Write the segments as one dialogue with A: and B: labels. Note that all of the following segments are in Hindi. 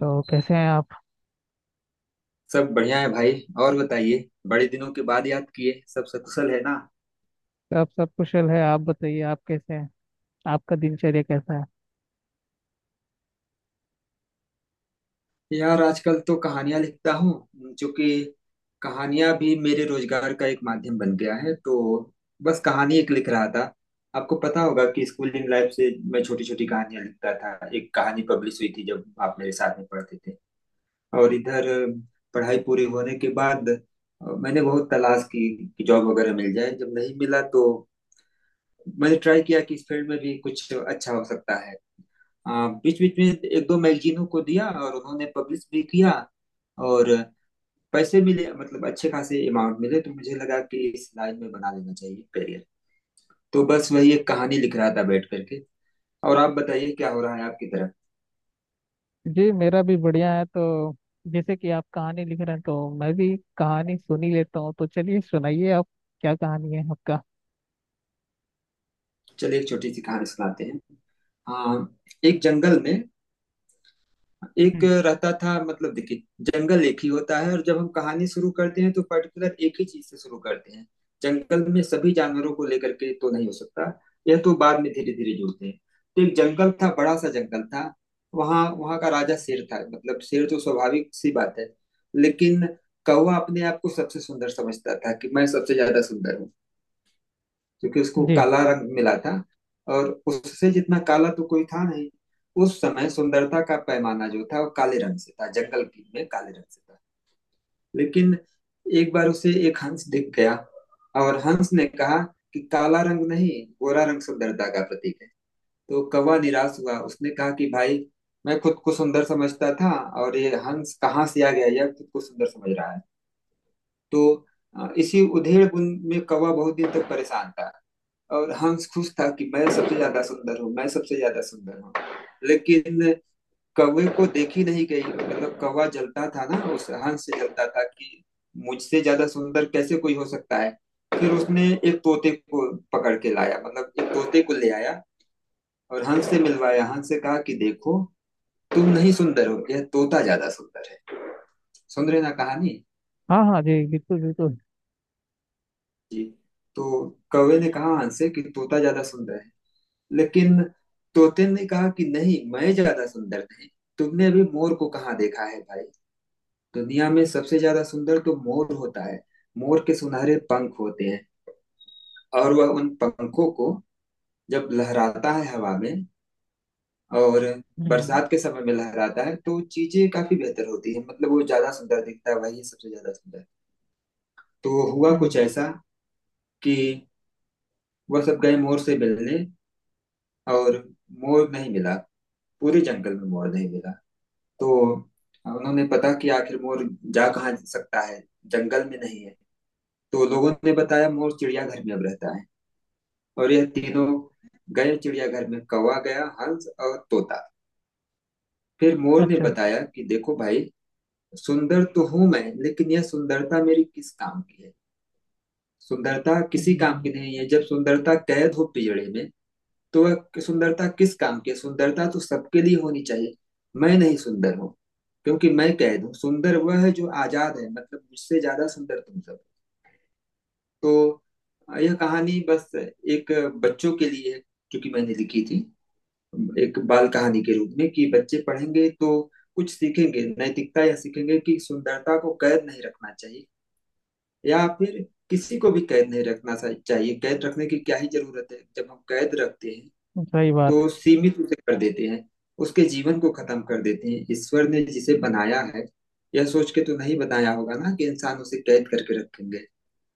A: तो कैसे हैं आप।
B: सब बढ़िया है भाई। और बताइए, बड़े दिनों के बाद याद किए, सब सकुशल है ना?
A: आप सब कुशल है। आप बताइए, आप कैसे हैं। आपका दिनचर्या कैसा है।
B: यार, आजकल तो कहानियां लिखता हूँ, जो कि कहानियां भी मेरे रोजगार का एक माध्यम बन गया है, तो बस कहानी एक लिख रहा था। आपको पता होगा कि स्कूलिंग लाइफ से मैं छोटी छोटी कहानियां लिखता था। एक कहानी पब्लिश हुई थी जब आप मेरे साथ में पढ़ते थे। और इधर पढ़ाई पूरी होने के बाद मैंने बहुत तलाश की कि जॉब वगैरह मिल जाए, जब नहीं मिला तो मैंने ट्राई किया कि इस फील्ड में भी कुछ अच्छा हो सकता है। हाँ, बीच बीच में एक दो मैगजीनों को दिया और उन्होंने पब्लिश भी किया। और पैसे मिले, मतलब अच्छे खासे अमाउंट मिले, तो मुझे लगा कि इस लाइन में बना लेना चाहिए करियर। तो बस वही एक कहानी लिख रहा था बैठ करके। और आप बताइए, क्या हो रहा है आपकी तरफ?
A: जी मेरा भी बढ़िया है। तो जैसे कि आप कहानी लिख रहे हैं, तो मैं भी कहानी सुन ही लेता हूँ। तो चलिए सुनाइए आप। क्या कहानी है आपका।
B: चलिए एक छोटी सी कहानी सुनाते हैं। हाँ, एक जंगल में एक
A: हम्म।
B: रहता था, मतलब देखिए, जंगल एक ही होता है, और जब हम कहानी शुरू करते हैं तो पर्टिकुलर एक ही चीज से शुरू करते हैं। जंगल में सभी जानवरों को लेकर के तो नहीं हो सकता, यह तो बाद में धीरे धीरे जुड़ते हैं। तो एक जंगल था, बड़ा सा जंगल था। वहाँ वहाँ का राजा शेर था, मतलब शेर तो स्वाभाविक सी बात है। लेकिन कौवा अपने आप को सबसे सुंदर समझता था कि मैं सबसे ज्यादा सुंदर हूँ, क्योंकि उसको
A: जी।
B: काला रंग मिला था और उससे जितना काला तो कोई था नहीं। उस समय सुंदरता का पैमाना जो था वो काले रंग से था, जंगल की में काले रंग से था। लेकिन एक बार उसे एक हंस दिख गया, और हंस ने कहा कि काला रंग नहीं, गोरा रंग सुंदरता का प्रतीक है। तो कौवा निराश हुआ, उसने कहा कि भाई, मैं खुद को सुंदर समझता था, और ये हंस कहाँ से आ गया, यह खुद को सुंदर समझ रहा है। तो इसी उधेड़ बुन में कौवा बहुत दिन तक परेशान था। और हंस खुश था कि मैं सबसे ज्यादा सुंदर हूँ, मैं सबसे ज्यादा सुंदर हूँ। लेकिन कौवे को देखी नहीं गई, मतलब कौवा जलता था ना, उस हंस से जलता था कि मुझसे ज्यादा सुंदर कैसे कोई हो सकता है। फिर उसने एक तोते को पकड़ के लाया, मतलब एक तोते को ले आया, और हंस से मिलवाया, हंस से कहा कि देखो, तुम नहीं सुंदर हो, यह तोता ज्यादा सुंदर है। सुन रहे ना कहानी?
A: हाँ हाँ जी, बिल्कुल बिल्कुल।
B: जी। तो कौवे ने कहा हंस से कि तोता ज्यादा सुंदर है। लेकिन तोते ने कहा कि नहीं, मैं ज्यादा सुंदर नहीं, तुमने अभी मोर को कहाँ देखा है भाई? दुनिया में सबसे ज्यादा सुंदर तो मोर होता है। मोर के सुनहरे पंख होते हैं, और वह उन पंखों को जब लहराता है हवा में, और
A: हम्म
B: बरसात के समय में लहराता है, तो चीजें काफी बेहतर होती है, मतलब वो ज्यादा सुंदर दिखता है, वही सबसे ज्यादा सुंदर। तो हुआ कुछ
A: हम्म।
B: ऐसा कि वह सब गए मोर से मिलने, और मोर नहीं मिला, पूरे जंगल में मोर नहीं मिला। तो उन्होंने पता कि आखिर मोर जा कहाँ सकता है, जंगल में नहीं है। तो लोगों ने बताया मोर चिड़ियाघर में अब रहता है। और यह तीनों गए चिड़ियाघर में, कौवा गया, हंस और तोता। फिर मोर ने
A: अच्छा अच्छा।
B: बताया कि देखो भाई, सुंदर तो हूं मैं, लेकिन यह सुंदरता मेरी किस काम की है? सुंदरता किसी काम
A: हम्म।
B: की नहीं है जब सुंदरता कैद हो पिंजड़े में। तो कि सुंदरता किस काम की है? सुंदरता तो सबके लिए होनी चाहिए। मैं नहीं सुंदर हूँ, क्योंकि मैं कैद हूँ। सुंदर वह है जो आजाद है, मतलब मुझसे ज्यादा सुंदर तुम सब। तो यह कहानी बस एक बच्चों के लिए है, क्योंकि मैंने लिखी थी एक बाल कहानी के रूप में कि बच्चे पढ़ेंगे तो कुछ सीखेंगे, नैतिकता यह सीखेंगे कि सुंदरता को कैद नहीं रखना चाहिए, या फिर किसी को भी कैद नहीं रखना चाहिए। कैद रखने की क्या ही जरूरत है? जब हम कैद रखते हैं
A: सही बात
B: तो
A: है।
B: सीमित उसे कर देते हैं, उसके जीवन को खत्म कर देते हैं। ईश्वर ने जिसे बनाया है, यह सोच के तो नहीं बनाया होगा ना कि इंसान उसे कैद करके रखेंगे।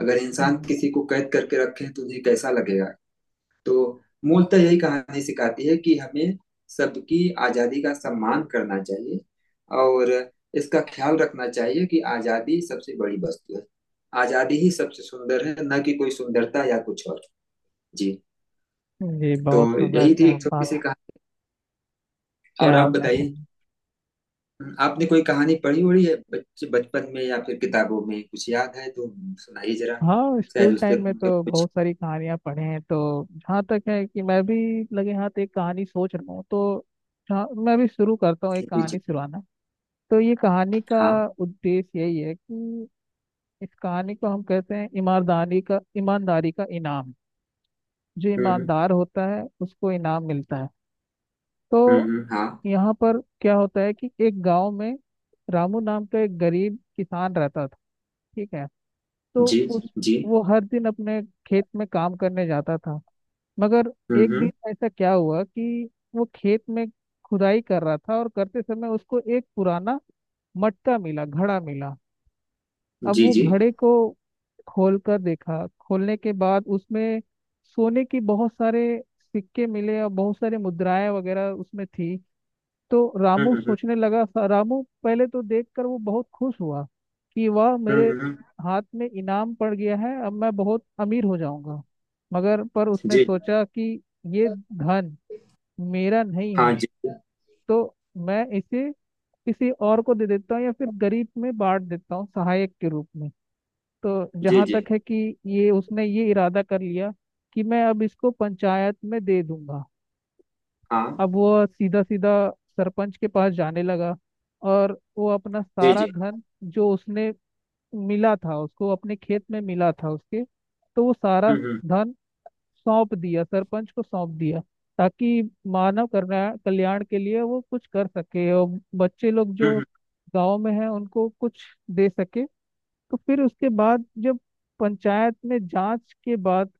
B: अगर इंसान
A: हम्म।
B: किसी को कैद करके रखें तो उन्हें कैसा लगेगा? तो मूलतः यही कहानी सिखाती है कि हमें सबकी आजादी का सम्मान करना चाहिए, और इसका ख्याल रखना चाहिए कि आजादी सबसे बड़ी वस्तु है। आजादी ही सबसे सुंदर है, न कि कोई सुंदरता या कुछ और। जी।
A: जी
B: तो
A: बहुत सुंदर,
B: यही थी
A: क्या
B: एक छोटी
A: बात
B: सी
A: है।
B: कहानी।
A: क्या
B: और आप
A: आपने
B: बताइए,
A: सुना।
B: आपने कोई कहानी पढ़ी हुई है बच्चे, बचपन में या फिर किताबों में कुछ याद है तो सुनाइए जरा,
A: हाँ,
B: शायद
A: स्कूल टाइम
B: उससे
A: में
B: मुझे
A: तो
B: कुछ।
A: बहुत सारी कहानियां पढ़े हैं। तो जहाँ तक है कि मैं भी लगे हाथ एक कहानी सोच रहा हूँ। तो मैं भी शुरू करता हूँ
B: जी
A: एक
B: जी।
A: कहानी सुनाना। तो ये कहानी का
B: हाँ।
A: उद्देश्य यही है कि इस कहानी को हम कहते हैं ईमानदारी का, ईमानदारी का इनाम। जो
B: हम्म।
A: ईमानदार होता है उसको इनाम मिलता है। तो
B: हाँ।
A: यहाँ पर क्या होता है कि एक गांव में रामू नाम का एक गरीब किसान रहता था। ठीक है। तो
B: जी
A: उस
B: जी।
A: वो हर दिन अपने खेत में काम करने जाता था। मगर एक
B: हम्म।
A: दिन ऐसा क्या हुआ कि वो खेत में खुदाई कर रहा था, और करते समय उसको एक पुराना मटका मिला, घड़ा मिला। अब
B: जी
A: वो
B: जी।
A: घड़े को खोल कर देखा। खोलने के बाद उसमें सोने की बहुत सारे सिक्के मिले और बहुत सारे मुद्राएं वगैरह उसमें थी। तो रामू
B: हम्म।
A: सोचने लगा, रामू पहले तो देखकर वो बहुत खुश हुआ कि वाह, मेरे
B: हम्म।
A: हाथ में इनाम पड़ गया है, अब मैं बहुत अमीर हो जाऊंगा। मगर पर उसने
B: जी।
A: सोचा कि ये धन मेरा नहीं
B: हाँ।
A: है।
B: जी
A: तो मैं इसे किसी और को दे देता हूँ या फिर गरीब में बांट देता हूँ सहायक के रूप में। तो
B: जी।
A: जहाँ
B: जी।
A: तक है कि ये उसने ये इरादा कर लिया कि मैं अब इसको पंचायत में दे दूंगा।
B: हाँ।
A: अब वो सीधा सीधा सरपंच के पास जाने लगा। और वो अपना
B: जी
A: सारा
B: जी।
A: धन जो उसने मिला था, उसको अपने खेत में मिला था उसके, तो वो सारा
B: हम्म हम्म
A: धन सौंप दिया, सरपंच को सौंप दिया। ताकि मानव कल्याण, कल्याण के लिए वो कुछ कर सके और बच्चे लोग
B: हम्म
A: जो
B: हम्म,
A: गांव में हैं उनको कुछ दे सके। तो फिर उसके बाद जब पंचायत में जांच के बाद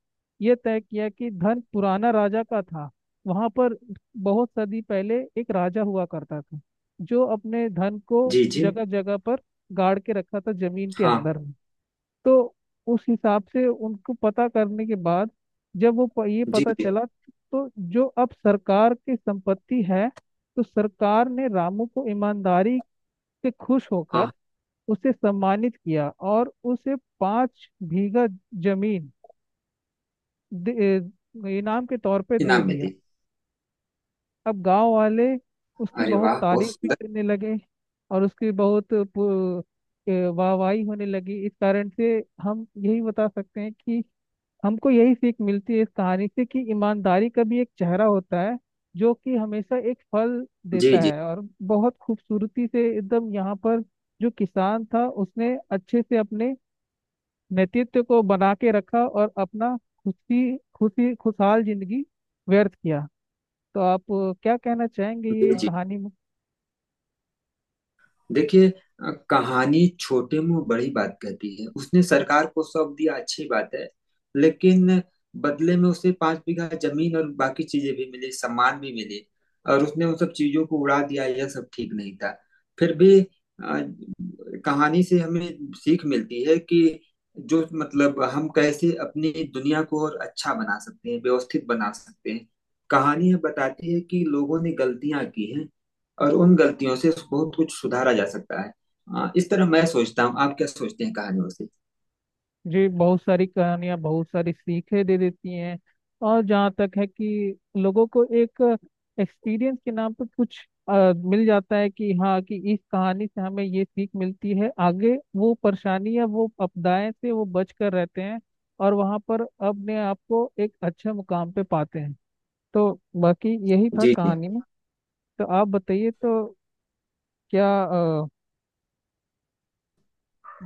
A: यह तय किया कि धन पुराना राजा का था। वहां पर बहुत सदी पहले एक राजा हुआ करता था जो अपने धन को
B: जी जी
A: जगह जगह पर गाड़ के रखा था जमीन के
B: हाँ
A: अंदर में। तो उस हिसाब से उनको पता करने के बाद जब ये
B: जी
A: पता
B: जी
A: चला तो जो अब सरकार की संपत्ति है, तो सरकार ने रामू को ईमानदारी से खुश होकर
B: हाँ।
A: उसे सम्मानित किया और उसे पांच बीघा जमीन दे- इनाम के तौर पे दे
B: इनाम में
A: दिया।
B: थी।
A: अब गांव वाले उसकी
B: अरे
A: बहुत
B: वाह, बहुत
A: तारीफ भी
B: सुंदर।
A: करने लगे। और वाहवाही होने लगी। इस कारण से हम यही बता सकते हैं कि हमको यही सीख मिलती है इस कहानी से कि ईमानदारी का भी एक चेहरा होता है जो कि हमेशा एक फल
B: जी
A: देता
B: जी।
A: है। और बहुत खूबसूरती से एकदम यहाँ पर जो किसान था उसने अच्छे से अपने नेतृत्व को बना के रखा और अपना खुशी खुशी खुशहाल जिंदगी व्यर्थ किया। तो आप क्या कहना चाहेंगे
B: जी
A: ये
B: जी।
A: कहानी में।
B: देखिए, कहानी छोटे मुंह बड़ी बात कहती है। उसने सरकार को सौंप दिया, अच्छी बात है। लेकिन बदले में उसे पांच बीघा जमीन और बाकी चीजें भी मिली, सम्मान भी मिली, और उसने उन सब चीजों को उड़ा दिया, यह सब ठीक नहीं था। फिर भी कहानी से हमें सीख मिलती है कि जो, मतलब हम कैसे अपनी दुनिया को और अच्छा बना सकते हैं, व्यवस्थित बना सकते हैं। कहानी यह बताती है कि लोगों ने गलतियां की हैं, और उन गलतियों से बहुत कुछ सुधारा जा सकता है। इस तरह मैं सोचता हूँ, आप क्या सोचते हैं कहानियों से?
A: जी बहुत सारी कहानियां बहुत सारी सीखें दे देती हैं। और जहाँ तक है कि लोगों को एक एक्सपीरियंस के नाम पर कुछ मिल जाता है कि हाँ कि इस कहानी से हमें ये सीख मिलती है, आगे वो परेशानी या वो आपदाएं से वो बच कर रहते हैं और वहाँ पर अपने आप को एक अच्छे मुकाम पे पाते हैं। तो बाकी यही था
B: जी जी।
A: कहानी में। तो आप बताइए, तो क्या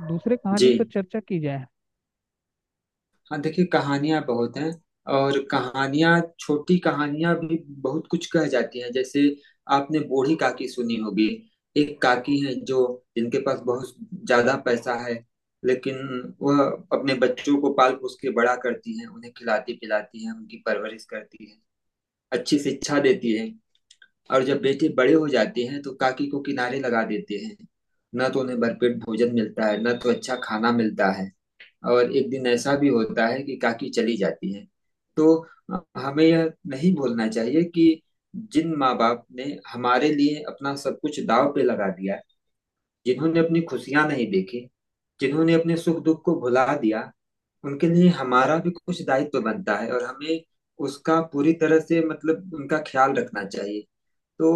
A: दूसरे कहानी पर
B: जी।
A: चर्चा की जाए।
B: हाँ देखिए, कहानियाँ बहुत हैं, और कहानियाँ, छोटी कहानियाँ भी बहुत कुछ कह जाती हैं। जैसे आपने बूढ़ी काकी सुनी होगी। एक काकी है जो, जिनके पास बहुत ज्यादा पैसा है, लेकिन वह अपने बच्चों को पाल पोस के बड़ा करती हैं, उन्हें खिलाती पिलाती हैं, उनकी परवरिश करती है, अच्छी शिक्षा देती है। और जब बेटे बड़े हो जाते हैं तो काकी को किनारे लगा देते हैं। न तो उन्हें भरपेट भोजन मिलता है, न तो अच्छा खाना मिलता है। और एक दिन ऐसा भी होता है कि काकी चली जाती है। तो हमें यह नहीं भूलना चाहिए कि जिन माँ बाप ने हमारे लिए अपना सब कुछ दाव पे लगा दिया, जिन्होंने अपनी खुशियां नहीं देखी, जिन्होंने अपने सुख दुख को भुला दिया, उनके लिए हमारा भी कुछ दायित्व बनता है, और हमें उसका पूरी तरह से, मतलब उनका ख्याल रखना चाहिए। तो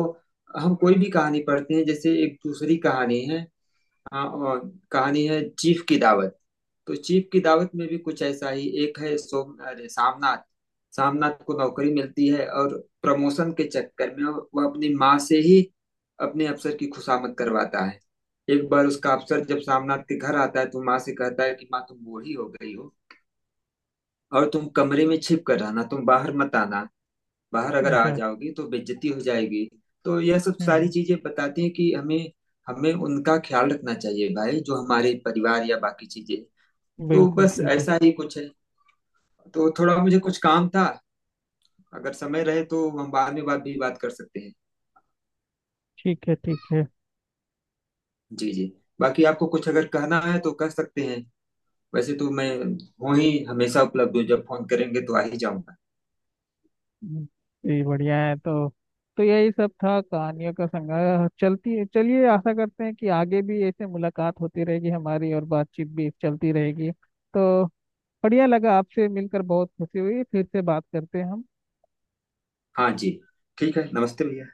B: हम कोई भी कहानी पढ़ते हैं। जैसे एक दूसरी कहानी है, हाँ, और कहानी है चीफ की दावत। तो चीफ की दावत में भी कुछ ऐसा ही एक है, सोम अरे सामनाथ। सामनाथ को नौकरी मिलती है, और प्रमोशन के चक्कर में वह अपनी माँ से ही अपने अफसर की खुशामद करवाता है। एक बार उसका अफसर जब सामनाथ के घर आता है, तो माँ से कहता है कि माँ, तुम बूढ़ी हो गई हो, और तुम कमरे में छिप कर रहना, तुम बाहर मत आना। बाहर अगर आ
A: अच्छा।
B: जाओगे तो बेइज्जती हो जाएगी। तो यह सब सारी
A: हम्म,
B: चीजें बताती हैं कि हमें, हमें उनका ख्याल रखना चाहिए भाई, जो हमारे परिवार या बाकी चीजें। तो
A: बिल्कुल
B: बस
A: बिल्कुल।
B: ऐसा ही कुछ है। तो थोड़ा मुझे कुछ काम था, अगर समय रहे तो हम बाद में बात भी बात कर सकते हैं।
A: ठीक है ठीक है।
B: जी जी। बाकी आपको कुछ अगर कहना है तो कह सकते हैं। वैसे तो मैं हूँ ही, हमेशा उपलब्ध हूँ, जब फोन करेंगे तो आ ही जाऊंगा।
A: हम्म। जी बढ़िया है। तो यही सब था कहानियों का संग्रह। चलती है, चलिए आशा करते हैं कि आगे भी ऐसे मुलाकात होती रहेगी हमारी और बातचीत भी चलती रहेगी। तो बढ़िया लगा आपसे मिलकर, बहुत खुशी हुई। फिर से बात करते हैं हम।
B: हाँ जी। ठीक है, नमस्ते भैया।